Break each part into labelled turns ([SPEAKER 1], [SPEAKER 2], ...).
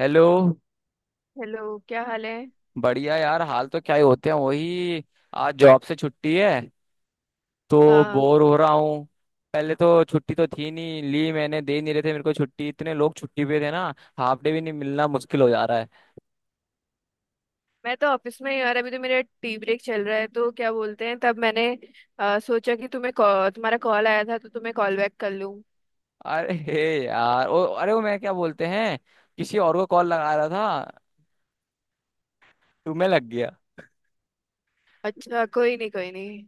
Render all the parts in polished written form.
[SPEAKER 1] Hello.
[SPEAKER 2] Hello, क्या हाल है?
[SPEAKER 1] बढ़िया यार, हाल तो क्या ही होते हैं, वही। आज जॉब से छुट्टी है तो
[SPEAKER 2] हाँ,
[SPEAKER 1] बोर हो रहा हूँ। पहले तो छुट्टी तो थी नहीं, ली मैंने, दे नहीं रहे थे मेरे को छुट्टी, इतने लोग छुट्टी पे थे ना। हाफ डे भी नहीं, मिलना मुश्किल हो जा रहा है।
[SPEAKER 2] मैं तो ऑफिस में ही यार। अभी तो मेरा टी ब्रेक चल रहा है, तो क्या बोलते हैं, तब मैंने सोचा कि तुम्हें तुम्हारा कॉल आया था, तो तुम्हें कॉल बैक कर लूँ।
[SPEAKER 1] अरे हे यार, ओ अरे वो मैं क्या बोलते हैं, किसी और को कॉल लगा रहा था, तुम्हें लग गया।
[SPEAKER 2] अच्छा, कोई नहीं कोई नहीं।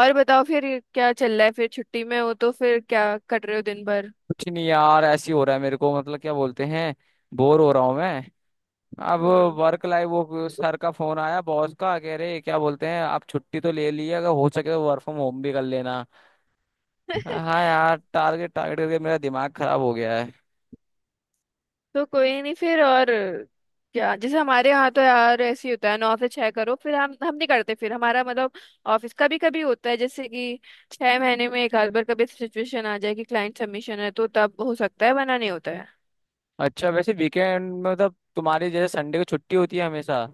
[SPEAKER 2] और बताओ फिर। क्या चल रहा है, फिर छुट्टी में हो तो फिर क्या कर रहे हो दिन भर?
[SPEAKER 1] कुछ नहीं यार, ऐसी हो रहा है मेरे को, मतलब क्या बोलते हैं, बोर हो रहा हूँ मैं अब।
[SPEAKER 2] हम्म।
[SPEAKER 1] वर्क लाइफ, वो सर का फोन आया, बॉस का, कह रहे क्या बोलते हैं, आप छुट्टी तो ले लिए, अगर हो सके तो वर्क फ्रॉम होम भी कर लेना। हाँ यार, टारगेट टारगेट करके मेरा दिमाग खराब हो गया है।
[SPEAKER 2] तो कोई नहीं फिर। और क्या, जैसे हमारे यहाँ तो यार ऐसे ही होता है, 9 से 6 करो, फिर हम नहीं करते, फिर हमारा मतलब ऑफिस का भी कभी होता है, जैसे कि 6 महीने में एक आध बार कभी सिचुएशन आ जाए कि क्लाइंट सबमिशन है, तो तब हो सकता है, वरना नहीं होता है।
[SPEAKER 1] अच्छा वैसे वीकेंड में, मतलब तुम्हारी जैसे संडे को छुट्टी होती है हमेशा।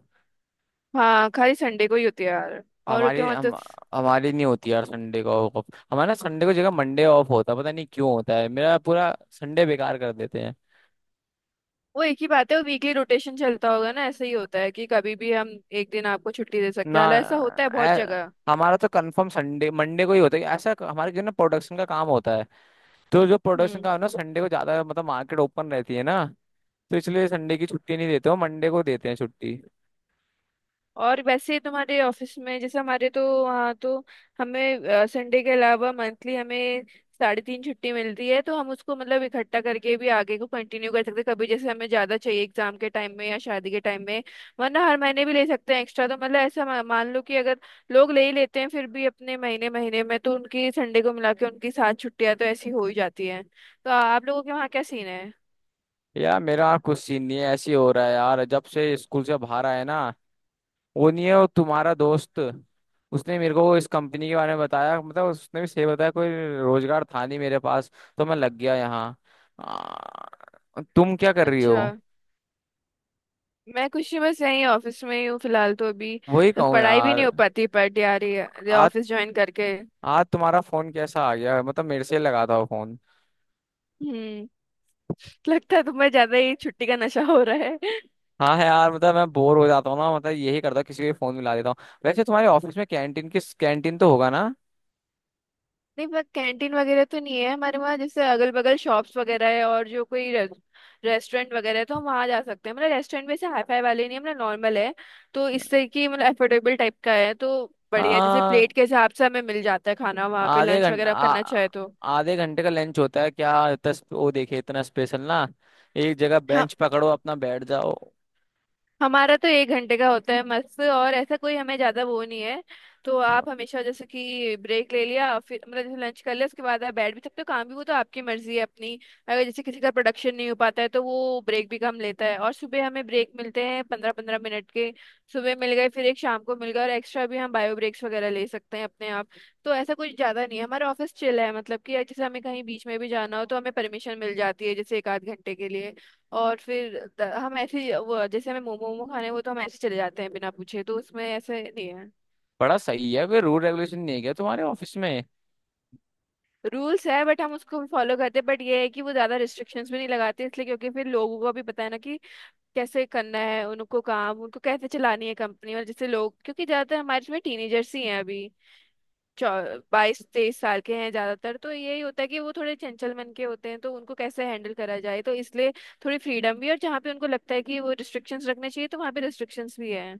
[SPEAKER 2] हाँ, खाली संडे को ही होती है यार। और क्या,
[SPEAKER 1] हमारी
[SPEAKER 2] वहाँ तो
[SPEAKER 1] हम हमारी नहीं होती यार संडे को ऑफ। हमारा संडे को जगह मंडे ऑफ होता है, पता नहीं क्यों होता है, मेरा पूरा संडे बेकार कर देते हैं।
[SPEAKER 2] वो एक ही बात है। वो वीकली रोटेशन चलता होगा ना, ऐसे ही होता है कि कभी भी हम एक दिन आपको छुट्टी दे सकते
[SPEAKER 1] ना।
[SPEAKER 2] हैं, हालांकि ऐसा होता है बहुत
[SPEAKER 1] ऐ-
[SPEAKER 2] जगह।
[SPEAKER 1] हमारा तो कंफर्म संडे मंडे को ही होता है। ऐसा हमारे जो ना, प्रोडक्शन का काम होता है, तो जो प्रोडक्शन
[SPEAKER 2] हम्म
[SPEAKER 1] का है ना, संडे को ज्यादा मतलब मार्केट ओपन रहती है ना, तो इसलिए संडे की छुट्टी नहीं देते, हो मंडे को देते हैं छुट्टी।
[SPEAKER 2] और वैसे तुम्हारे ऑफिस में, जैसे हमारे तो वहाँ तो हमें संडे के अलावा मंथली हमें 3.5 छुट्टी मिलती है, तो हम उसको मतलब इकट्ठा करके भी आगे को कंटिन्यू कर सकते हैं, कभी जैसे हमें ज़्यादा चाहिए एग्जाम के टाइम में या शादी के टाइम में, वरना हर महीने भी ले सकते हैं एक्स्ट्रा। तो मतलब ऐसा मान लो कि अगर लोग ले ही लेते हैं फिर भी अपने महीने महीने में, तो उनकी संडे को मिला के उनकी सात छुट्टियाँ तो ऐसी हो ही जाती हैं। तो आप लोगों के वहाँ क्या सीन है?
[SPEAKER 1] यार मेरा कुछ सीन नहीं है, ऐसे ही हो रहा है यार। जब से स्कूल से बाहर आए ना, वो नहीं है वो तुम्हारा दोस्त, उसने मेरे को इस कंपनी के बारे में बताया। मतलब उसने भी सही बताया, कोई रोजगार था नहीं मेरे पास, तो मैं लग गया यहाँ। तुम क्या कर रही हो?
[SPEAKER 2] अच्छा। मैं कुछ नहीं, बस यहीं ऑफिस में ही हूँ फिलहाल तो अभी,
[SPEAKER 1] वही
[SPEAKER 2] तो
[SPEAKER 1] कहूँ
[SPEAKER 2] पढ़ाई भी नहीं
[SPEAKER 1] यार।
[SPEAKER 2] हो पाती, बट यार ये
[SPEAKER 1] आज
[SPEAKER 2] ऑफिस ज्वाइन करके।
[SPEAKER 1] आज तुम्हारा फोन कैसा आ गया, मतलब मेरे से लगा था वो फोन।
[SPEAKER 2] हम्म लगता है तुम्हें ज्यादा ही छुट्टी का नशा हो रहा है।
[SPEAKER 1] हाँ है यार, मतलब मैं बोर हो जाता हूँ ना, मतलब यही करता हूँ, किसी को फोन मिला देता हूँ। वैसे तुम्हारे ऑफिस में कैंटीन, किस कैंटीन तो होगा ना?
[SPEAKER 2] नहीं, पर कैंटीन वगैरह तो नहीं है हमारे वहाँ। जैसे अगल बगल शॉप्स वगैरह है, और जो कोई रेस्टोरेंट वगैरह है, तो हम वहाँ जा सकते हैं। मतलब रेस्टोरेंट वैसे हाई फाई वाले नहीं है, मतलब नॉर्मल है, तो इससे कि मतलब अफोर्डेबल टाइप का है, तो बढ़िया। जैसे
[SPEAKER 1] हाँ।
[SPEAKER 2] प्लेट के हिसाब से हमें मिल जाता है खाना वहाँ पे,
[SPEAKER 1] आधे
[SPEAKER 2] लंच
[SPEAKER 1] घंटे,
[SPEAKER 2] वगैरह करना चाहे तो।
[SPEAKER 1] आधे घंटे का लंच होता है क्या? इतना वो देखे, इतना स्पेशल ना, एक जगह
[SPEAKER 2] हाँ,
[SPEAKER 1] बेंच पकड़ो अपना बैठ जाओ।
[SPEAKER 2] हमारा तो एक घंटे का होता है, मस्त। और ऐसा कोई हमें ज्यादा वो नहीं है, तो आप हमेशा जैसे कि ब्रेक ले लिया, फिर मतलब जैसे लंच कर लिया, उसके बाद आप बैठ भी सकते हो, काम भी, वो तो आपकी मर्जी है अपनी। अगर जैसे किसी का प्रोडक्शन नहीं हो पाता है, तो वो ब्रेक भी कम लेता है। और सुबह हमें ब्रेक मिलते हैं 15 15 मिनट के। सुबह मिल गए, फिर एक शाम को मिल गए, और एक्स्ट्रा भी हम बायो ब्रेक्स वगैरह ले सकते हैं अपने आप। तो ऐसा कुछ ज्यादा नहीं है, हमारा ऑफिस चिल है, मतलब कि जैसे हमें कहीं बीच में भी जाना हो, तो हमें परमिशन मिल जाती है जैसे एक आध घंटे के लिए। और फिर हम वो जैसे हमें मोमो मोमो खाने हैं, वो तो हम ऐसे चले जाते हैं बिना पूछे, तो उसमें ऐसे नहीं है।
[SPEAKER 1] बड़ा सही है, कोई रूल रेगुलेशन नहीं है क्या तुम्हारे ऑफिस में?
[SPEAKER 2] रूल्स है, बट हम उसको फॉलो करते हैं। बट ये है कि वो ज्यादा रिस्ट्रिक्शंस भी नहीं लगाते इसलिए, क्योंकि फिर लोगों को भी पता है ना कि कैसे करना है उनको, काम उनको कैसे चलानी है कंपनी। और जैसे लोग, क्योंकि ज्यादातर हमारे इसमें टीनेजर्स ही हैं अभी, 22 23 साल के हैं ज्यादातर। तो यही होता है कि वो थोड़े चंचल मन के होते हैं, तो उनको कैसे हैंडल करा जाए, तो इसलिए थोड़ी फ्रीडम भी। और जहाँ पे उनको लगता है कि वो रिस्ट्रिक्शंस रखने चाहिए, तो वहाँ पे रिस्ट्रिक्शंस भी है।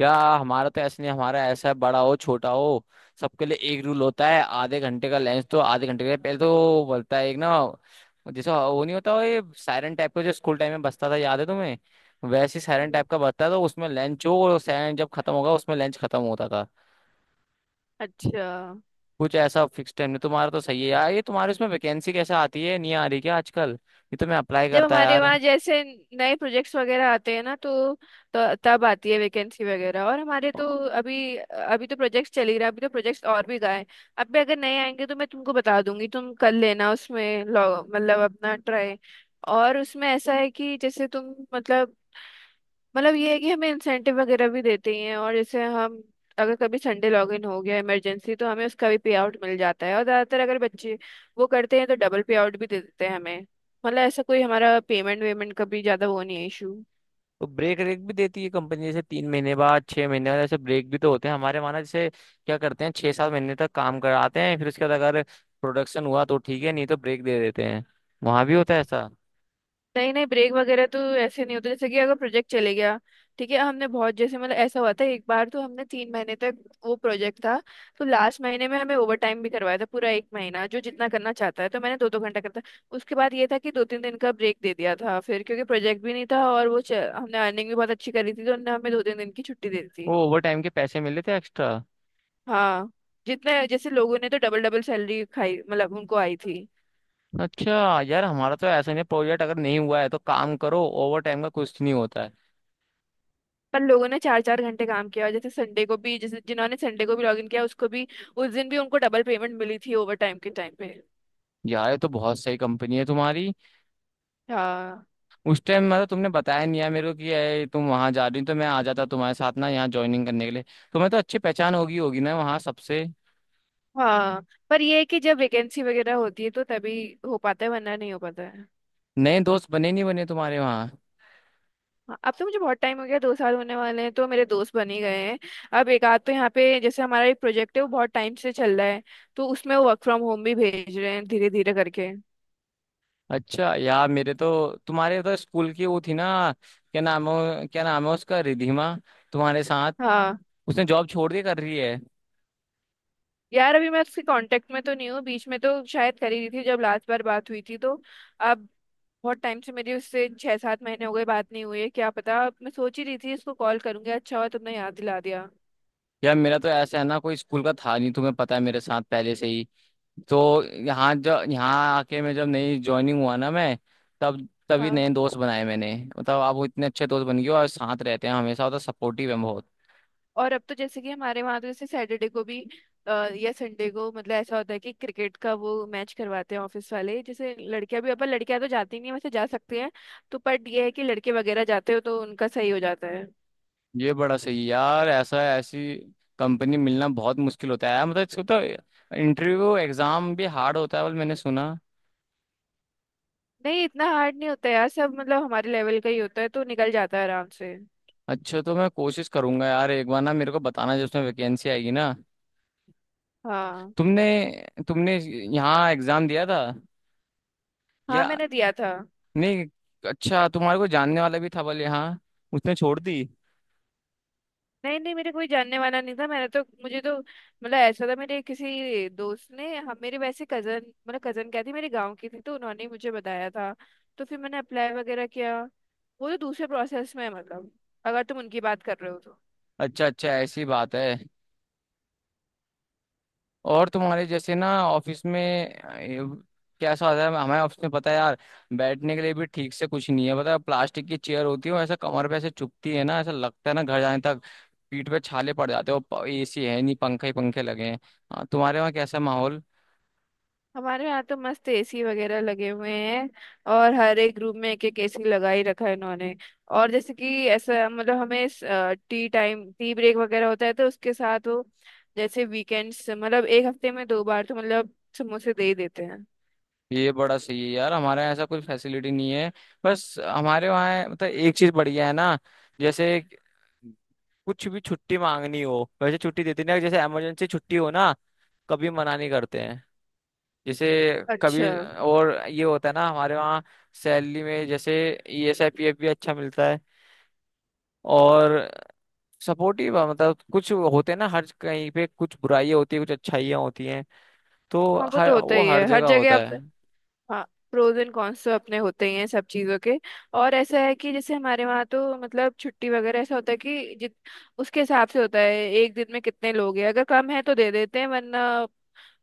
[SPEAKER 1] या हमारा तो ऐसा नहीं, हमारा ऐसा है बड़ा हो छोटा हो, सबके लिए एक रूल होता है। आधे घंटे का लंच तो आधे घंटे का, पहले तो बोलता है एक ना, जैसे वो नहीं होता वो, ये सायरन टाइप का जो स्कूल टाइम में बजता था, याद है तुम्हें? वैसे ही सायरन टाइप का बजता था, तो उसमें लंच हो, और सायरन जब खत्म होगा उसमें लंच खत्म होता था।
[SPEAKER 2] अच्छा।
[SPEAKER 1] कुछ ऐसा फिक्स टाइम नहीं तुम्हारा, तो सही है यार ये तुम्हारे। उसमें वैकेंसी कैसे आती है, नहीं आ रही क्या आजकल? ये तो मैं अप्लाई
[SPEAKER 2] जब
[SPEAKER 1] करता है
[SPEAKER 2] हमारे
[SPEAKER 1] यार।
[SPEAKER 2] वहाँ जैसे नए प्रोजेक्ट्स वगैरह आते हैं ना, तो तब आती है वैकेंसी वगैरह। और हमारे तो अभी अभी तो प्रोजेक्ट्स चल ही रहा है, अभी तो प्रोजेक्ट्स और भी गए हैं। अब भी अगर नए आएंगे तो मैं तुमको बता दूंगी, तुम कर लेना उसमें मतलब अपना ट्राई। और उसमें ऐसा है कि जैसे तुम मतलब ये है कि हमें इंसेंटिव वगैरह भी देते ही हैं। और जैसे हम, अगर कभी संडे लॉग इन हो गया इमरजेंसी, तो हमें उसका भी पे आउट मिल जाता है। और ज़्यादातर अगर बच्चे वो करते हैं, तो डबल पे आउट भी दे देते हैं हमें। मतलब ऐसा कोई हमारा पेमेंट वेमेंट का भी ज़्यादा वो नहीं है इशू।
[SPEAKER 1] तो ब्रेक रेक भी देती है कंपनी, जैसे तीन महीने बाद, छह महीने बाद, ऐसे ब्रेक भी तो होते हैं हमारे वहाँ ना। जैसे क्या करते हैं, छह सात महीने तक काम कराते हैं, फिर उसके बाद अगर प्रोडक्शन हुआ तो ठीक है, नहीं तो ब्रेक दे देते हैं। वहाँ भी होता है ऐसा?
[SPEAKER 2] नहीं नहीं, ब्रेक वगैरह तो ऐसे नहीं होता। जैसे कि अगर प्रोजेक्ट चले गया, ठीक है। हमने बहुत जैसे मतलब ऐसा हुआ था एक बार, तो हमने 3 महीने तक वो प्रोजेक्ट था, तो लास्ट महीने में हमें ओवर टाइम भी करवाया था पूरा एक महीना, जो जितना करना चाहता है। तो मैंने 2 2 घंटा करता। उसके बाद ये था कि 2 3 दिन का ब्रेक दे दिया था फिर, क्योंकि प्रोजेक्ट भी नहीं था। और वो हमने अर्निंग भी बहुत अच्छी करी थी, तो उन्होंने हमें 2 3 दिन की छुट्टी दे दी
[SPEAKER 1] वो
[SPEAKER 2] थी।
[SPEAKER 1] ओवर टाइम के पैसे मिले थे एक्स्ट्रा?
[SPEAKER 2] हाँ, जितने जैसे लोगों ने तो डबल डबल सैलरी खाई, मतलब उनको आई थी।
[SPEAKER 1] अच्छा यार, हमारा तो ऐसा नहीं, प्रोजेक्ट अगर नहीं हुआ है तो काम करो, ओवर टाइम का कुछ नहीं होता है।
[SPEAKER 2] पर लोगों ने 4 4 घंटे काम किया, और जैसे संडे को भी, जैसे जिन्होंने संडे को भी लॉगिन किया, उसको भी उस दिन भी उनको डबल पेमेंट मिली थी ओवर टाइम के टाइम पे।
[SPEAKER 1] यार ये तो बहुत सही कंपनी है तुम्हारी।
[SPEAKER 2] हाँ।
[SPEAKER 1] उस टाइम मतलब तुमने बताया नहीं यार मेरे को कि ये तुम वहाँ जा रही हो, तो मैं आ जाता तुम्हारे साथ ना, यहाँ ज्वाइनिंग करने के लिए। तुम्हें तो अच्छी पहचान होगी होगी ना वहाँ सबसे।
[SPEAKER 2] हाँ, पर ये है कि जब वैकेंसी वगैरह होती है तो तभी हो पाता है, वरना नहीं हो पाता है।
[SPEAKER 1] नए दोस्त बने नहीं बने तुम्हारे वहाँ?
[SPEAKER 2] हाँ, अब तो मुझे बहुत टाइम हो गया, 2 साल होने वाले हैं, तो मेरे दोस्त बन ही गए हैं। अब एक आध, तो यहाँ पे जैसे हमारा एक प्रोजेक्ट है वो बहुत टाइम से चल रहा है, तो उसमें वो वर्क फ्रॉम होम भी भेज रहे हैं धीरे धीरे करके।
[SPEAKER 1] अच्छा यार मेरे तो, तुम्हारे तो स्कूल की वो थी ना, क्या नाम है, क्या नाम है उसका, रिधिमा, तुम्हारे साथ।
[SPEAKER 2] हाँ।
[SPEAKER 1] उसने जॉब छोड़ दी, कर रही है?
[SPEAKER 2] यार अभी मैं उसके कांटेक्ट में तो नहीं हूँ। बीच में तो शायद कर ही रही थी जब लास्ट बार बात हुई थी तो। अब बहुत टाइम से मेरी उससे 6 7 महीने हो गए बात नहीं हुई है। क्या पता, मैं सोच ही रही थी इसको कॉल करूंगी, अच्छा हुआ तुमने याद दिला दिया।
[SPEAKER 1] यार मेरा तो ऐसा है ना, कोई स्कूल का था नहीं तुम्हें पता है, मेरे साथ पहले से ही। तो यहाँ जब यहाँ आके मैं जब नई ज्वाइनिंग हुआ ना मैं, तब तभी
[SPEAKER 2] हाँ।
[SPEAKER 1] नए दोस्त बनाए मैंने। मतलब आप वो इतने अच्छे दोस्त बन गए हो, और साथ रहते हैं हमेशा, और तो सपोर्टिव है बहुत।
[SPEAKER 2] और अब तो जैसे कि हमारे वहाँ तो, जैसे सैटरडे को भी अ, या संडे को, मतलब ऐसा होता है कि क्रिकेट का वो मैच करवाते हैं ऑफिस वाले। जैसे लड़कियां भी, अपन लड़कियां तो जाती नहीं है, वैसे जा सकती हैं तो। पर ये है कि लड़के वगैरह जाते हो तो उनका सही हो जाता है।
[SPEAKER 1] ये बड़ा सही यार, ऐसा ऐसी कंपनी मिलना बहुत मुश्किल होता है यार। मतलब इसको तो इंटरव्यू एग्जाम भी हार्ड होता है बल, मैंने सुना।
[SPEAKER 2] नहीं, इतना हार्ड नहीं होता यार। सब मतलब हमारे लेवल का ही होता है, तो निकल जाता है आराम से।
[SPEAKER 1] अच्छा तो मैं कोशिश करूंगा यार, एक बार ना मेरे को बताना जब उसमें वैकेंसी आएगी ना।
[SPEAKER 2] हाँ।
[SPEAKER 1] तुमने तुमने यहाँ एग्जाम दिया था
[SPEAKER 2] हाँ,
[SPEAKER 1] या
[SPEAKER 2] मैंने दिया था।
[SPEAKER 1] नहीं? अच्छा तुम्हारे को जानने वाला भी था बल यहाँ, उसने छोड़ दी?
[SPEAKER 2] नहीं नहीं, मेरे कोई जानने वाला नहीं था। मैंने तो, मुझे तो मतलब ऐसा था, मेरे किसी दोस्त ने, हम मेरे वैसे कजन, मतलब कजन क्या थी मेरे गांव की थी, तो उन्होंने ही मुझे बताया था। तो फिर मैंने अप्लाई वगैरह किया। वो तो दूसरे प्रोसेस में है, मतलब अगर तुम उनकी बात कर रहे हो तो।
[SPEAKER 1] अच्छा अच्छा, ऐसी बात है। और तुम्हारे जैसे ना ऑफिस में, कैसा होता है? हमारे ऑफिस में पता है यार, बैठने के लिए भी ठीक से कुछ नहीं है, पता है, प्लास्टिक की चेयर होती है, वो ऐसा कमर पे ऐसे चुभती है ना, ऐसा लगता है ना, घर जाने तक पीठ पे छाले पड़ जाते हो। एसी है नहीं, पंखे ही पंखे लगे हैं। हाँ, तुम्हारे वहाँ कैसा माहौल?
[SPEAKER 2] हमारे यहाँ तो मस्त एसी वगैरह लगे हुए हैं, और हर एक रूम में एक एक एसी लगा ही रखा है इन्होंने। और जैसे कि ऐसा मतलब, हमें टी टाइम टी ब्रेक वगैरह होता है, तो उसके साथ वो जैसे वीकेंड्स, मतलब एक हफ्ते में 2 बार तो, मतलब समोसे दे ही देते हैं।
[SPEAKER 1] ये बड़ा सही है यार, हमारे यहाँ ऐसा कोई फैसिलिटी नहीं है। बस हमारे वहाँ मतलब एक चीज बढ़िया है ना, जैसे कुछ भी छुट्टी मांगनी हो, वैसे छुट्टी देते नहीं, जैसे इमरजेंसी छुट्टी हो ना, कभी मना नहीं करते हैं। जैसे
[SPEAKER 2] अच्छा।
[SPEAKER 1] कभी, और ये होता है ना हमारे वहाँ, सैलरी में जैसे ईएसआई पीएफ भी अच्छा मिलता है, और सपोर्टिव, मतलब कुछ होते हैं ना, हर कहीं पे कुछ बुराइयाँ होती है, कुछ अच्छाइयाँ होती हैं, तो
[SPEAKER 2] हाँ, वो तो
[SPEAKER 1] हर
[SPEAKER 2] होता
[SPEAKER 1] वो
[SPEAKER 2] ही
[SPEAKER 1] हर
[SPEAKER 2] है हर
[SPEAKER 1] जगह
[SPEAKER 2] जगह
[SPEAKER 1] होता
[SPEAKER 2] आप।
[SPEAKER 1] है।
[SPEAKER 2] हाँ, प्रोज एंड कॉन्स तो अपने होते ही हैं सब चीज़ों के। और ऐसा है कि जैसे हमारे वहाँ तो मतलब छुट्टी वगैरह ऐसा होता है कि जित, उसके हिसाब से होता है एक दिन में कितने लोग हैं। अगर कम है तो दे देते हैं, वरना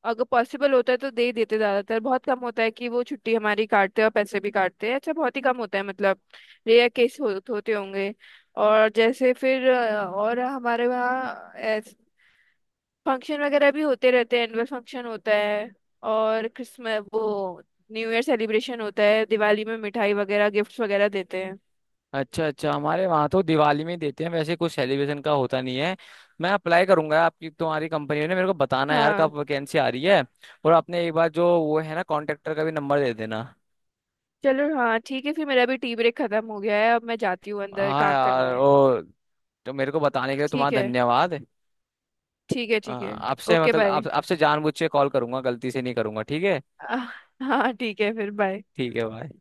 [SPEAKER 2] अगर पॉसिबल होता है तो दे ही देते। ज्यादातर बहुत कम होता है कि वो छुट्टी हमारी काटते हैं और पैसे भी काटते हैं अच्छा, बहुत ही कम होता है। मतलब रेयर केस हो, होते होंगे। और जैसे फिर और हमारे वहाँ फंक्शन वगैरह भी होते रहते हैं, एनुअल फंक्शन होता है। और क्रिसमस, वो न्यू ईयर सेलिब्रेशन होता है, दिवाली में मिठाई वगैरह गिफ्ट्स वगैरह देते हैं।
[SPEAKER 1] अच्छा अच्छा, हमारे वहाँ तो दिवाली में ही देते हैं, वैसे कुछ सेलिब्रेशन का होता नहीं है। मैं अप्लाई करूंगा आपकी तुम्हारी कंपनी ने, मेरे को बताना यार
[SPEAKER 2] हाँ।
[SPEAKER 1] कब वैकेंसी आ रही है। और आपने एक बार जो वो है ना, कॉन्ट्रेक्टर का भी नंबर दे देना।
[SPEAKER 2] चलो, हाँ ठीक है फिर। मेरा भी टी ब्रेक खत्म हो गया है, अब मैं जाती हूँ अंदर
[SPEAKER 1] हाँ
[SPEAKER 2] काम करना
[SPEAKER 1] यार,
[SPEAKER 2] है।
[SPEAKER 1] और तो मेरे को बताने के लिए
[SPEAKER 2] ठीक
[SPEAKER 1] तुम्हारा
[SPEAKER 2] है।
[SPEAKER 1] धन्यवाद।
[SPEAKER 2] ठीक है ठीक
[SPEAKER 1] हाँ,
[SPEAKER 2] है।
[SPEAKER 1] आपसे
[SPEAKER 2] ओके
[SPEAKER 1] मतलब
[SPEAKER 2] बाय।
[SPEAKER 1] आप, आपसे जानबूझ के कॉल करूंगा, गलती से नहीं करूंगा ठीक है।
[SPEAKER 2] आह, हाँ ठीक है फिर बाय।
[SPEAKER 1] ठीक है भाई।